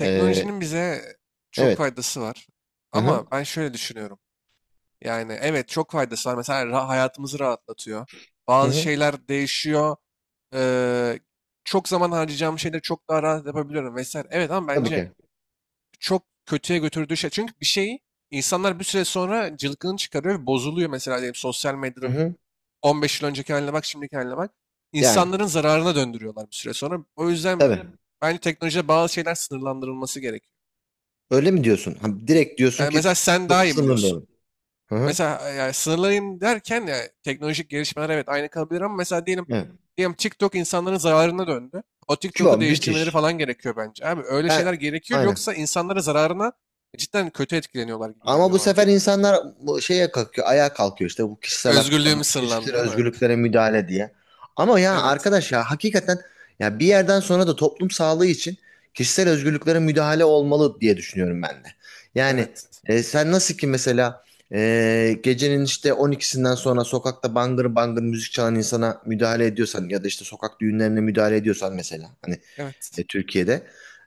Ee, bize çok evet. faydası var. Hı hı. Ama ben şöyle düşünüyorum. Yani evet çok faydası var. Mesela hayatımızı rahatlatıyor. Hı Bazı hı. şeyler değişiyor. Eee, Çok zaman harcayacağım şeyleri çok daha rahat yapabiliyorum vesaire. Evet ama Tabii bence ki. çok kötüye götürdüğü şey. Çünkü bir şeyi insanlar bir süre sonra cılkını çıkarıyor ve bozuluyor. Mesela diyelim sosyal Hı medyanın hı. 15 yıl önceki haline bak, şimdiki haline bak. Yani İnsanların zararına döndürüyorlar bir süre sonra. O yüzden tabii. bence teknolojide bazı şeyler sınırlandırılması gerekiyor. Öyle mi diyorsun? Ha, direkt diyorsun ki Mesela sen daha iyi biliyorsun. sınırlayalım. Hı hı. Mesela yani sınırlayayım derken ya teknolojik gelişmeler evet aynı kalabilir ama mesela diyelim Evet. diyelim TikTok insanların zararına döndü. O Şu TikTok'u an değiştirmeleri müthiş. falan gerekiyor bence. Abi öyle Ben şeyler gerekiyor aynen. yoksa insanlara zararına cidden kötü etkileniyorlar gibi Ama geliyor bu bana. sefer insanlar bu şeye kalkıyor, ayağa kalkıyor işte bu kişisel haklara, Özgürlüğümüz sınırlandı kişisel değil mi? özgürlüklere müdahale diye. Ama ya Evet. arkadaş ya hakikaten ya bir yerden sonra da toplum sağlığı için kişisel özgürlüklere müdahale olmalı diye düşünüyorum ben de. Yani Evet. Sen nasıl ki mesela gecenin işte 12'sinden sonra sokakta bangır bangır müzik çalan insana müdahale ediyorsan ya da işte sokak düğünlerine müdahale ediyorsan mesela hani Evet. Türkiye'de.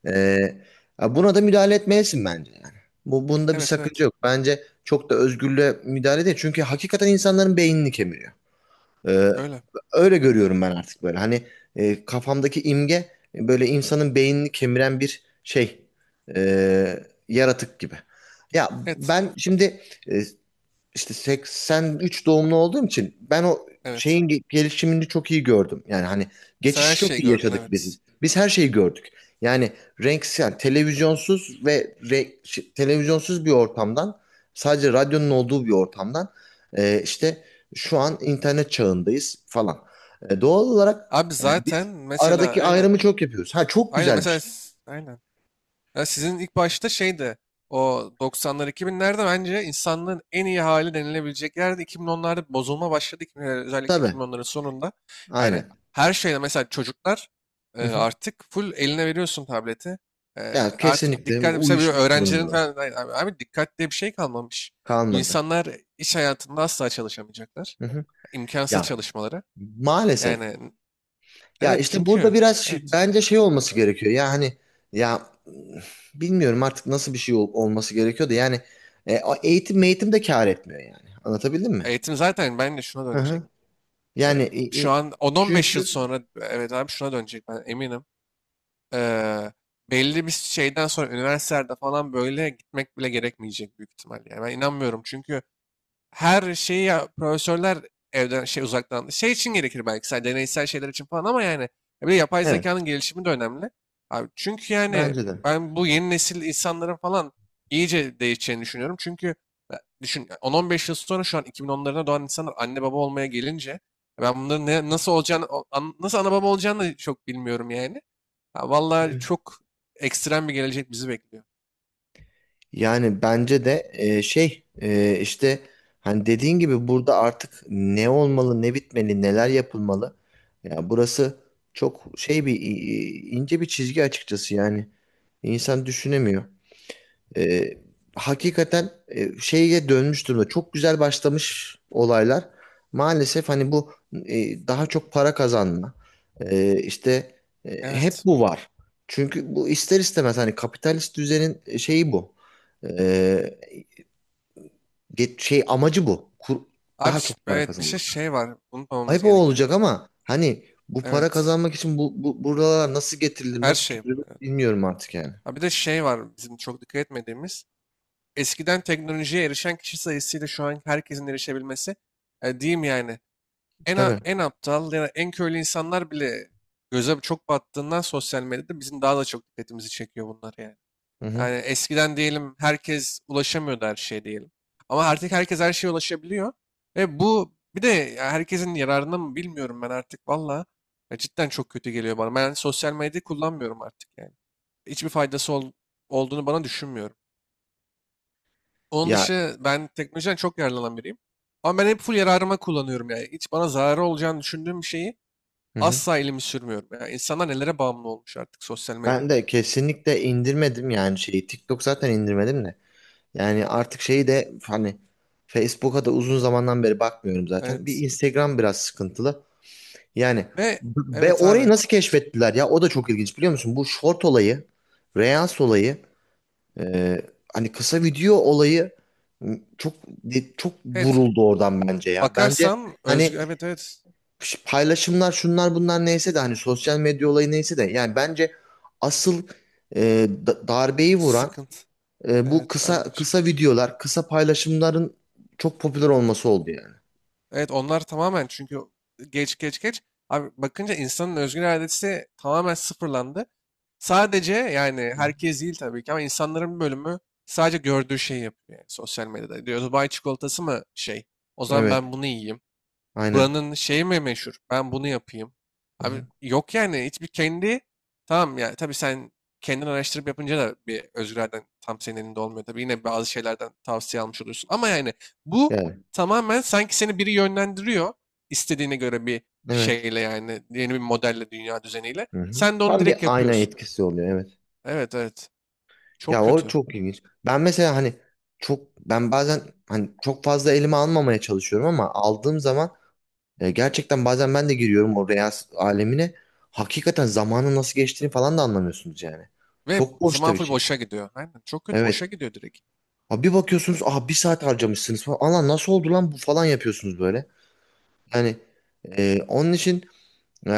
Ee, buna da müdahale etmelisin bence yani. Bunda bir Evet, sakınca evet. yok. Bence çok da özgürlüğe müdahale değil. Çünkü hakikaten insanların beynini kemiriyor. Ee, Öyle. öyle görüyorum ben artık böyle. Hani kafamdaki imge böyle insanın beynini kemiren bir şey. e, yaratık gibi. Ya Evet. ben şimdi e, işte 83 doğumlu olduğum için ben o Evet. şeyin gelişimini çok iyi gördüm. Yani hani Sen her geçişi çok şeyi iyi gördün, yaşadık evet. biz. Biz her şeyi gördük. Yani renksiz, yani televizyonsuz ve televizyonsuz bir ortamdan sadece radyonun olduğu bir ortamdan işte şu an internet çağındayız falan. Doğal olarak Abi biz zaten mesela aradaki aynen. ayrımı çok yapıyoruz. Ha çok Aynen güzel bir mesela şey. Aynen. Ya sizin ilk başta şeydi o 90'lar 2000'lerde bence insanlığın en iyi hali denilebilecek yerde 2010'larda bir bozulma başladı. 2000'ler, özellikle Tabii. 2010'ların sonunda. Hani Aynen. her şeyde mesela çocuklar Hı hı. artık full eline veriyorsun tableti. Ya Artık kesinlikle dikkat mesela bir uyuşmuş durumda. öğrencilerin falan "Ay- abi, abi dikkat diye bir şey kalmamış. Bu Kalmadı. insanlar iş hayatında asla çalışamayacaklar. Hı hı. İmkansız Ya çalışmaları. maalesef. Yani Ya evet işte burada çünkü biraz evet bence şey olması gerekiyor. Ya hani ya bilmiyorum artık nasıl bir şey olması gerekiyor da yani o eğitim eğitim de kâr etmiyor yani. Anlatabildim mi? eğitim zaten bence şuna Hı dönecek. hı. E, Yani Şu an 10-15 yıl çünkü sonra evet abi şuna dönecek, ben eminim. Eee, Belli bir şeyden sonra üniversitelerde falan böyle gitmek bile gerekmeyecek büyük ihtimalle. Yani ben inanmıyorum çünkü her şeyi ya, profesörler evden şey uzaktan şey için gerekir belki sadece deneysel şeyler için falan ama yani ya bir de yapay evet zekanın gelişimi de önemli. Abi çünkü yani bence de. ben bu yeni nesil insanların falan iyice değişeceğini düşünüyorum. Çünkü ya, düşün ya, 10-15 yıl sonra şu an 2010'larına doğan insanlar anne baba olmaya gelince ben bunların nasıl olacağını nasıl ana baba olacağını da çok bilmiyorum yani. Ha, vallahi Evet. çok ekstrem bir gelecek bizi bekliyor. Yani bence de şey işte hani dediğin gibi burada artık ne olmalı, ne bitmeli, neler yapılmalı. Ya burası çok şey bir ince bir çizgi açıkçası yani. İnsan düşünemiyor. E, hakikaten şeye dönmüş durumda. Çok güzel başlamış olaylar. Maalesef hani bu daha çok para kazanma. E, işte hep Evet. bu var. Çünkü bu ister istemez hani kapitalist düzenin şeyi bu. E, şey amacı bu. Kur- Abi daha çok para evet bir şey kazanmak. şey var unutmamamız Ayıp o gereken. olacak ama hani bu para Evet. kazanmak için bu buralar nasıl getirilir, Her nasıl şey, bu, çözülür evet. bilmiyorum artık yani. Ha, bir de şey var bizim çok dikkat etmediğimiz. Eskiden teknolojiye erişen kişi sayısıyla şu an herkesin erişebilmesi. Diyeyim yani en, a- Tabii. en aptal ya da en köylü insanlar bile göze çok battığından sosyal medyada bizim daha da çok dikkatimizi çekiyor bunlar yani. Hı hı. Yani eskiden diyelim herkes ulaşamıyordu her şeye diyelim. Ama artık herkes her şeye ulaşabiliyor. Ve bu bir de ya herkesin yararına mı, bilmiyorum ben artık valla. Ya cidden çok kötü geliyor bana. Ben sosyal medyayı kullanmıyorum artık yani hiçbir faydası olduğunu bana düşünmüyorum. Onun Ya dışı ben teknolojiden çok yararlanan biriyim. Ama ben hep full yararıma kullanıyorum yani. Hiç bana zararı olacağını düşündüğüm bir şeyi hı hı. asla elimi sürmüyorum. Yani insanlar nelere bağımlı olmuş artık sosyal medyada. Ben de kesinlikle indirmedim yani şeyi. TikTok zaten indirmedim de. Yani artık şeyi de hani Facebook'a da uzun zamandan beri bakmıyorum zaten. Bir Evet. Instagram biraz sıkıntılı. Yani Ve be evet orayı abi. nasıl keşfettiler ya? O da çok ilginç biliyor musun? Bu short olayı, Reels olayı, e, hani kısa video olayı çok Evet. vuruldu oradan bence ya. Bence Bakarsan hani özgür. Evet, evet. Paylaşımlar şunlar bunlar neyse de hani sosyal medya olayı neyse de yani bence asıl darbeyi vuran Sıkıntı. Bu Evet, kısa ben de bir şey. kısa videolar, kısa paylaşımların çok popüler olması oldu yani. Evet, onlar tamamen çünkü geç geç geç. Abi bakınca insanın özgür iradesi tamamen sıfırlandı. Sadece yani Hı hı. herkes değil tabii ki ama insanların bir bölümü sadece gördüğü şeyi yapıyor. Yani sosyal medyada diyor Dubai çikolatası mı şey? O zaman Evet, ben bunu yiyeyim. aynen. Buranın şeyi mi meşhur? Ben bunu yapayım. Hı Abi hı. yok yani hiçbir kendi tamam ya tabii sen kendin araştırıp yapınca da bir özgürlerden tam senin elinde olmuyor. Tabii yine bazı şeylerden tavsiye almış olursun. Ama yani bu Yani, tamamen sanki seni biri yönlendiriyor istediğine göre bir evet. şeyle yani yeni bir modelle, dünya düzeniyle. Hı hı. Sen de onu Tam bir direkt ayna yapıyorsun. etkisi oluyor evet. Evet, evet. Çok Ya o kötü. çok ilginç. Ben mesela hani çok ben bazen hani çok fazla elime almamaya çalışıyorum ama aldığım zaman gerçekten bazen ben de giriyorum o real alemine. Hakikaten zamanın nasıl geçtiğini falan da anlamıyorsunuz yani. Ve Çok boş da zaman bir full şey. boşa gidiyor. Aynen çok kötü boşa Evet. gidiyor direkt. Ha, bir bakıyorsunuz aha bir saat harcamışsınız falan. Allah nasıl oldu lan bu falan yapıyorsunuz böyle. Yani onun için e,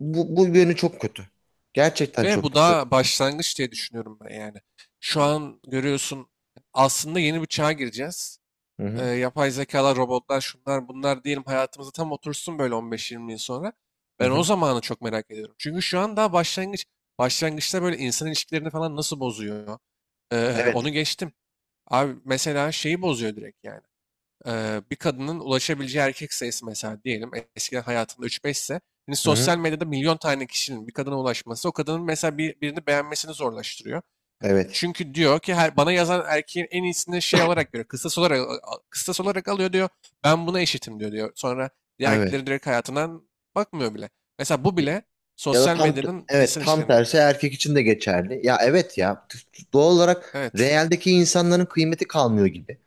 bu yönü çok kötü. Gerçekten Ve çok bu kötü. daha başlangıç diye düşünüyorum ben yani. Şu an görüyorsun aslında yeni bir çağa gireceğiz. Hı hı, Yapay zekalar, robotlar, şunlar bunlar diyelim hayatımıza tam otursun böyle 15-20 yıl sonra. hı Ben o hı. zamanı çok merak ediyorum. Çünkü şu an daha başlangıç. Başlangıçta böyle insan ilişkilerini falan nasıl bozuyor? Onu Evet. geçtim. Abi mesela şeyi bozuyor direkt yani. Bir kadının ulaşabileceği erkek sayısı mesela diyelim eskiden hayatında üç 5 ise şimdi Hı hı. sosyal medyada milyon tane kişinin bir kadına ulaşması o kadının mesela birini beğenmesini zorlaştırıyor. Evet. Çünkü diyor ki bana yazan erkeğin en iyisini şey olarak görüyor. Kıstas olarak, alıyor diyor. Ben buna eşitim diyor. Sonra diğer Evet. erkeklerin direkt hayatından bakmıyor bile. Mesela bu bile Ya da sosyal tam medyanın evet insan tam ilişkilerini. tersi erkek için de geçerli. Ya evet ya doğal olarak Evet. realdeki insanların kıymeti kalmıyor gibi.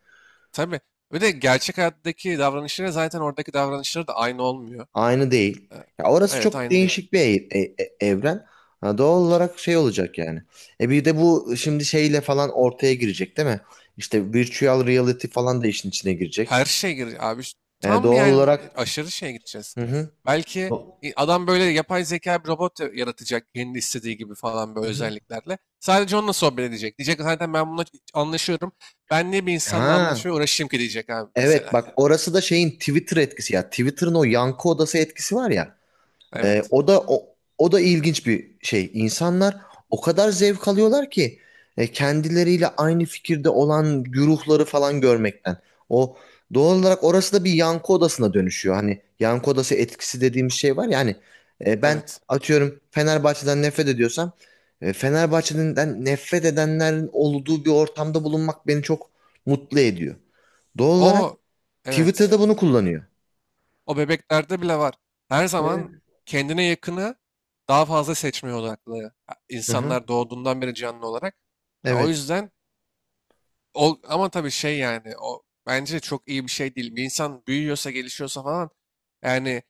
Tabii. Ve de gerçek hayattaki davranışları zaten oradaki davranışları da aynı olmuyor. Aynı değil. Ee, Ya orası Evet çok aynı değil. değişik bir evren. Ha, doğal olarak şey olacak yani. Bir de bu şimdi şeyle falan ortaya girecek değil mi? İşte virtual reality falan da işin içine girecek. Her şey gir abi. E, Tam doğal yani olarak aşırı şeye gideceğiz. hı hı. Belki O adam böyle yapay zeka bir robot yaratacak kendi istediği gibi falan böyle hı hı. özelliklerle. Sadece onunla sohbet edecek. Diyecek zaten ben bununla anlaşıyorum. Ben niye bir insanla anlaşmaya Ha uğraşayım ki diyecek abi mesela evet bak yani. orası da şeyin Twitter etkisi ya. Twitter'ın o yankı odası etkisi var ya. Evet. O da o da ilginç bir şey. İnsanlar o kadar zevk alıyorlar ki kendileriyle aynı fikirde olan güruhları falan görmekten. O doğal olarak orası da bir yankı odasına dönüşüyor. Hani yankı odası etkisi dediğimiz şey var ya hani ben Evet. atıyorum Fenerbahçe'den nefret ediyorsam Fenerbahçe'den nefret edenlerin olduğu bir ortamda bulunmak beni çok mutlu ediyor. Doğal olarak O, evet. Twitter'da bunu kullanıyor. O bebeklerde bile var. Her Evet. zaman kendine yakını daha fazla seçmeye odaklı. Ha, Hı hı. insanlar doğduğundan beri canlı olarak. Ha, o Evet. yüzden. Ama tabii şey yani, o bence çok iyi bir şey değil. Bir insan büyüyorsa, gelişiyorsa falan yani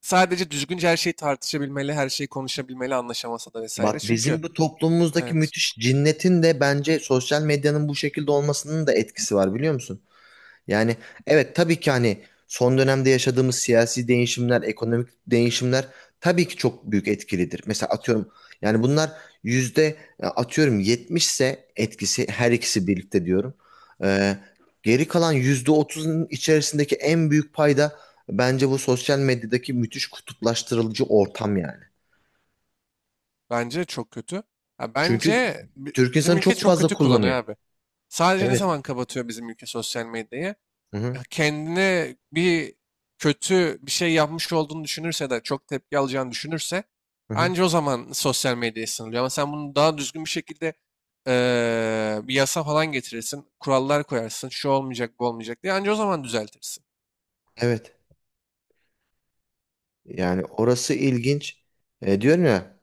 sadece düzgünce her şeyi tartışabilmeli, her şeyi konuşabilmeli anlaşamasa da vesaire. Bak Çünkü bizim bu toplumumuzdaki evet müthiş cinnetin de bence sosyal medyanın bu şekilde olmasının da etkisi var biliyor musun? Yani evet tabii ki hani son dönemde yaşadığımız siyasi değişimler, ekonomik değişimler tabii ki çok büyük etkilidir. Mesela atıyorum yani bunlar yüzde atıyorum 70 ise etkisi her ikisi birlikte diyorum. Ee, geri kalan %30'un içerisindeki en büyük payda bence bu sosyal medyadaki müthiş kutuplaştırılıcı ortam yani. bence çok kötü. Ya Çünkü bence Türk bizim insanı ülke çok çok fazla kötü kullanıyor kullanıyor. abi. Sadece ne zaman Evet. kapatıyor bizim ülke sosyal medyayı? Hı Ya hı. kendine bir kötü bir şey yapmış olduğunu düşünürse de çok tepki alacağını düşünürse Hı hı. anca o zaman sosyal medyaya sınırlıyor. Ama sen bunu daha düzgün bir şekilde bir yasa falan getirirsin, kurallar koyarsın, şu olmayacak, bu olmayacak diye anca o zaman düzeltirsin. Evet. Yani orası ilginç. Diyorum ya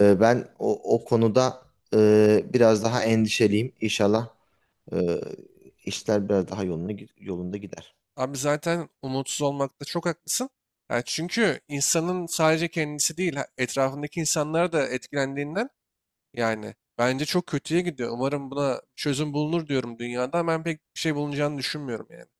ben o konuda biraz daha endişeliyim. İnşallah e, işler biraz daha yolunda gider. Abi zaten umutsuz olmakta çok haklısın. Ya çünkü insanın sadece kendisi değil, etrafındaki insanlar da etkilendiğinden yani bence çok kötüye gidiyor. Umarım buna çözüm bulunur diyorum dünyada. Ben pek bir şey bulunacağını düşünmüyorum yani.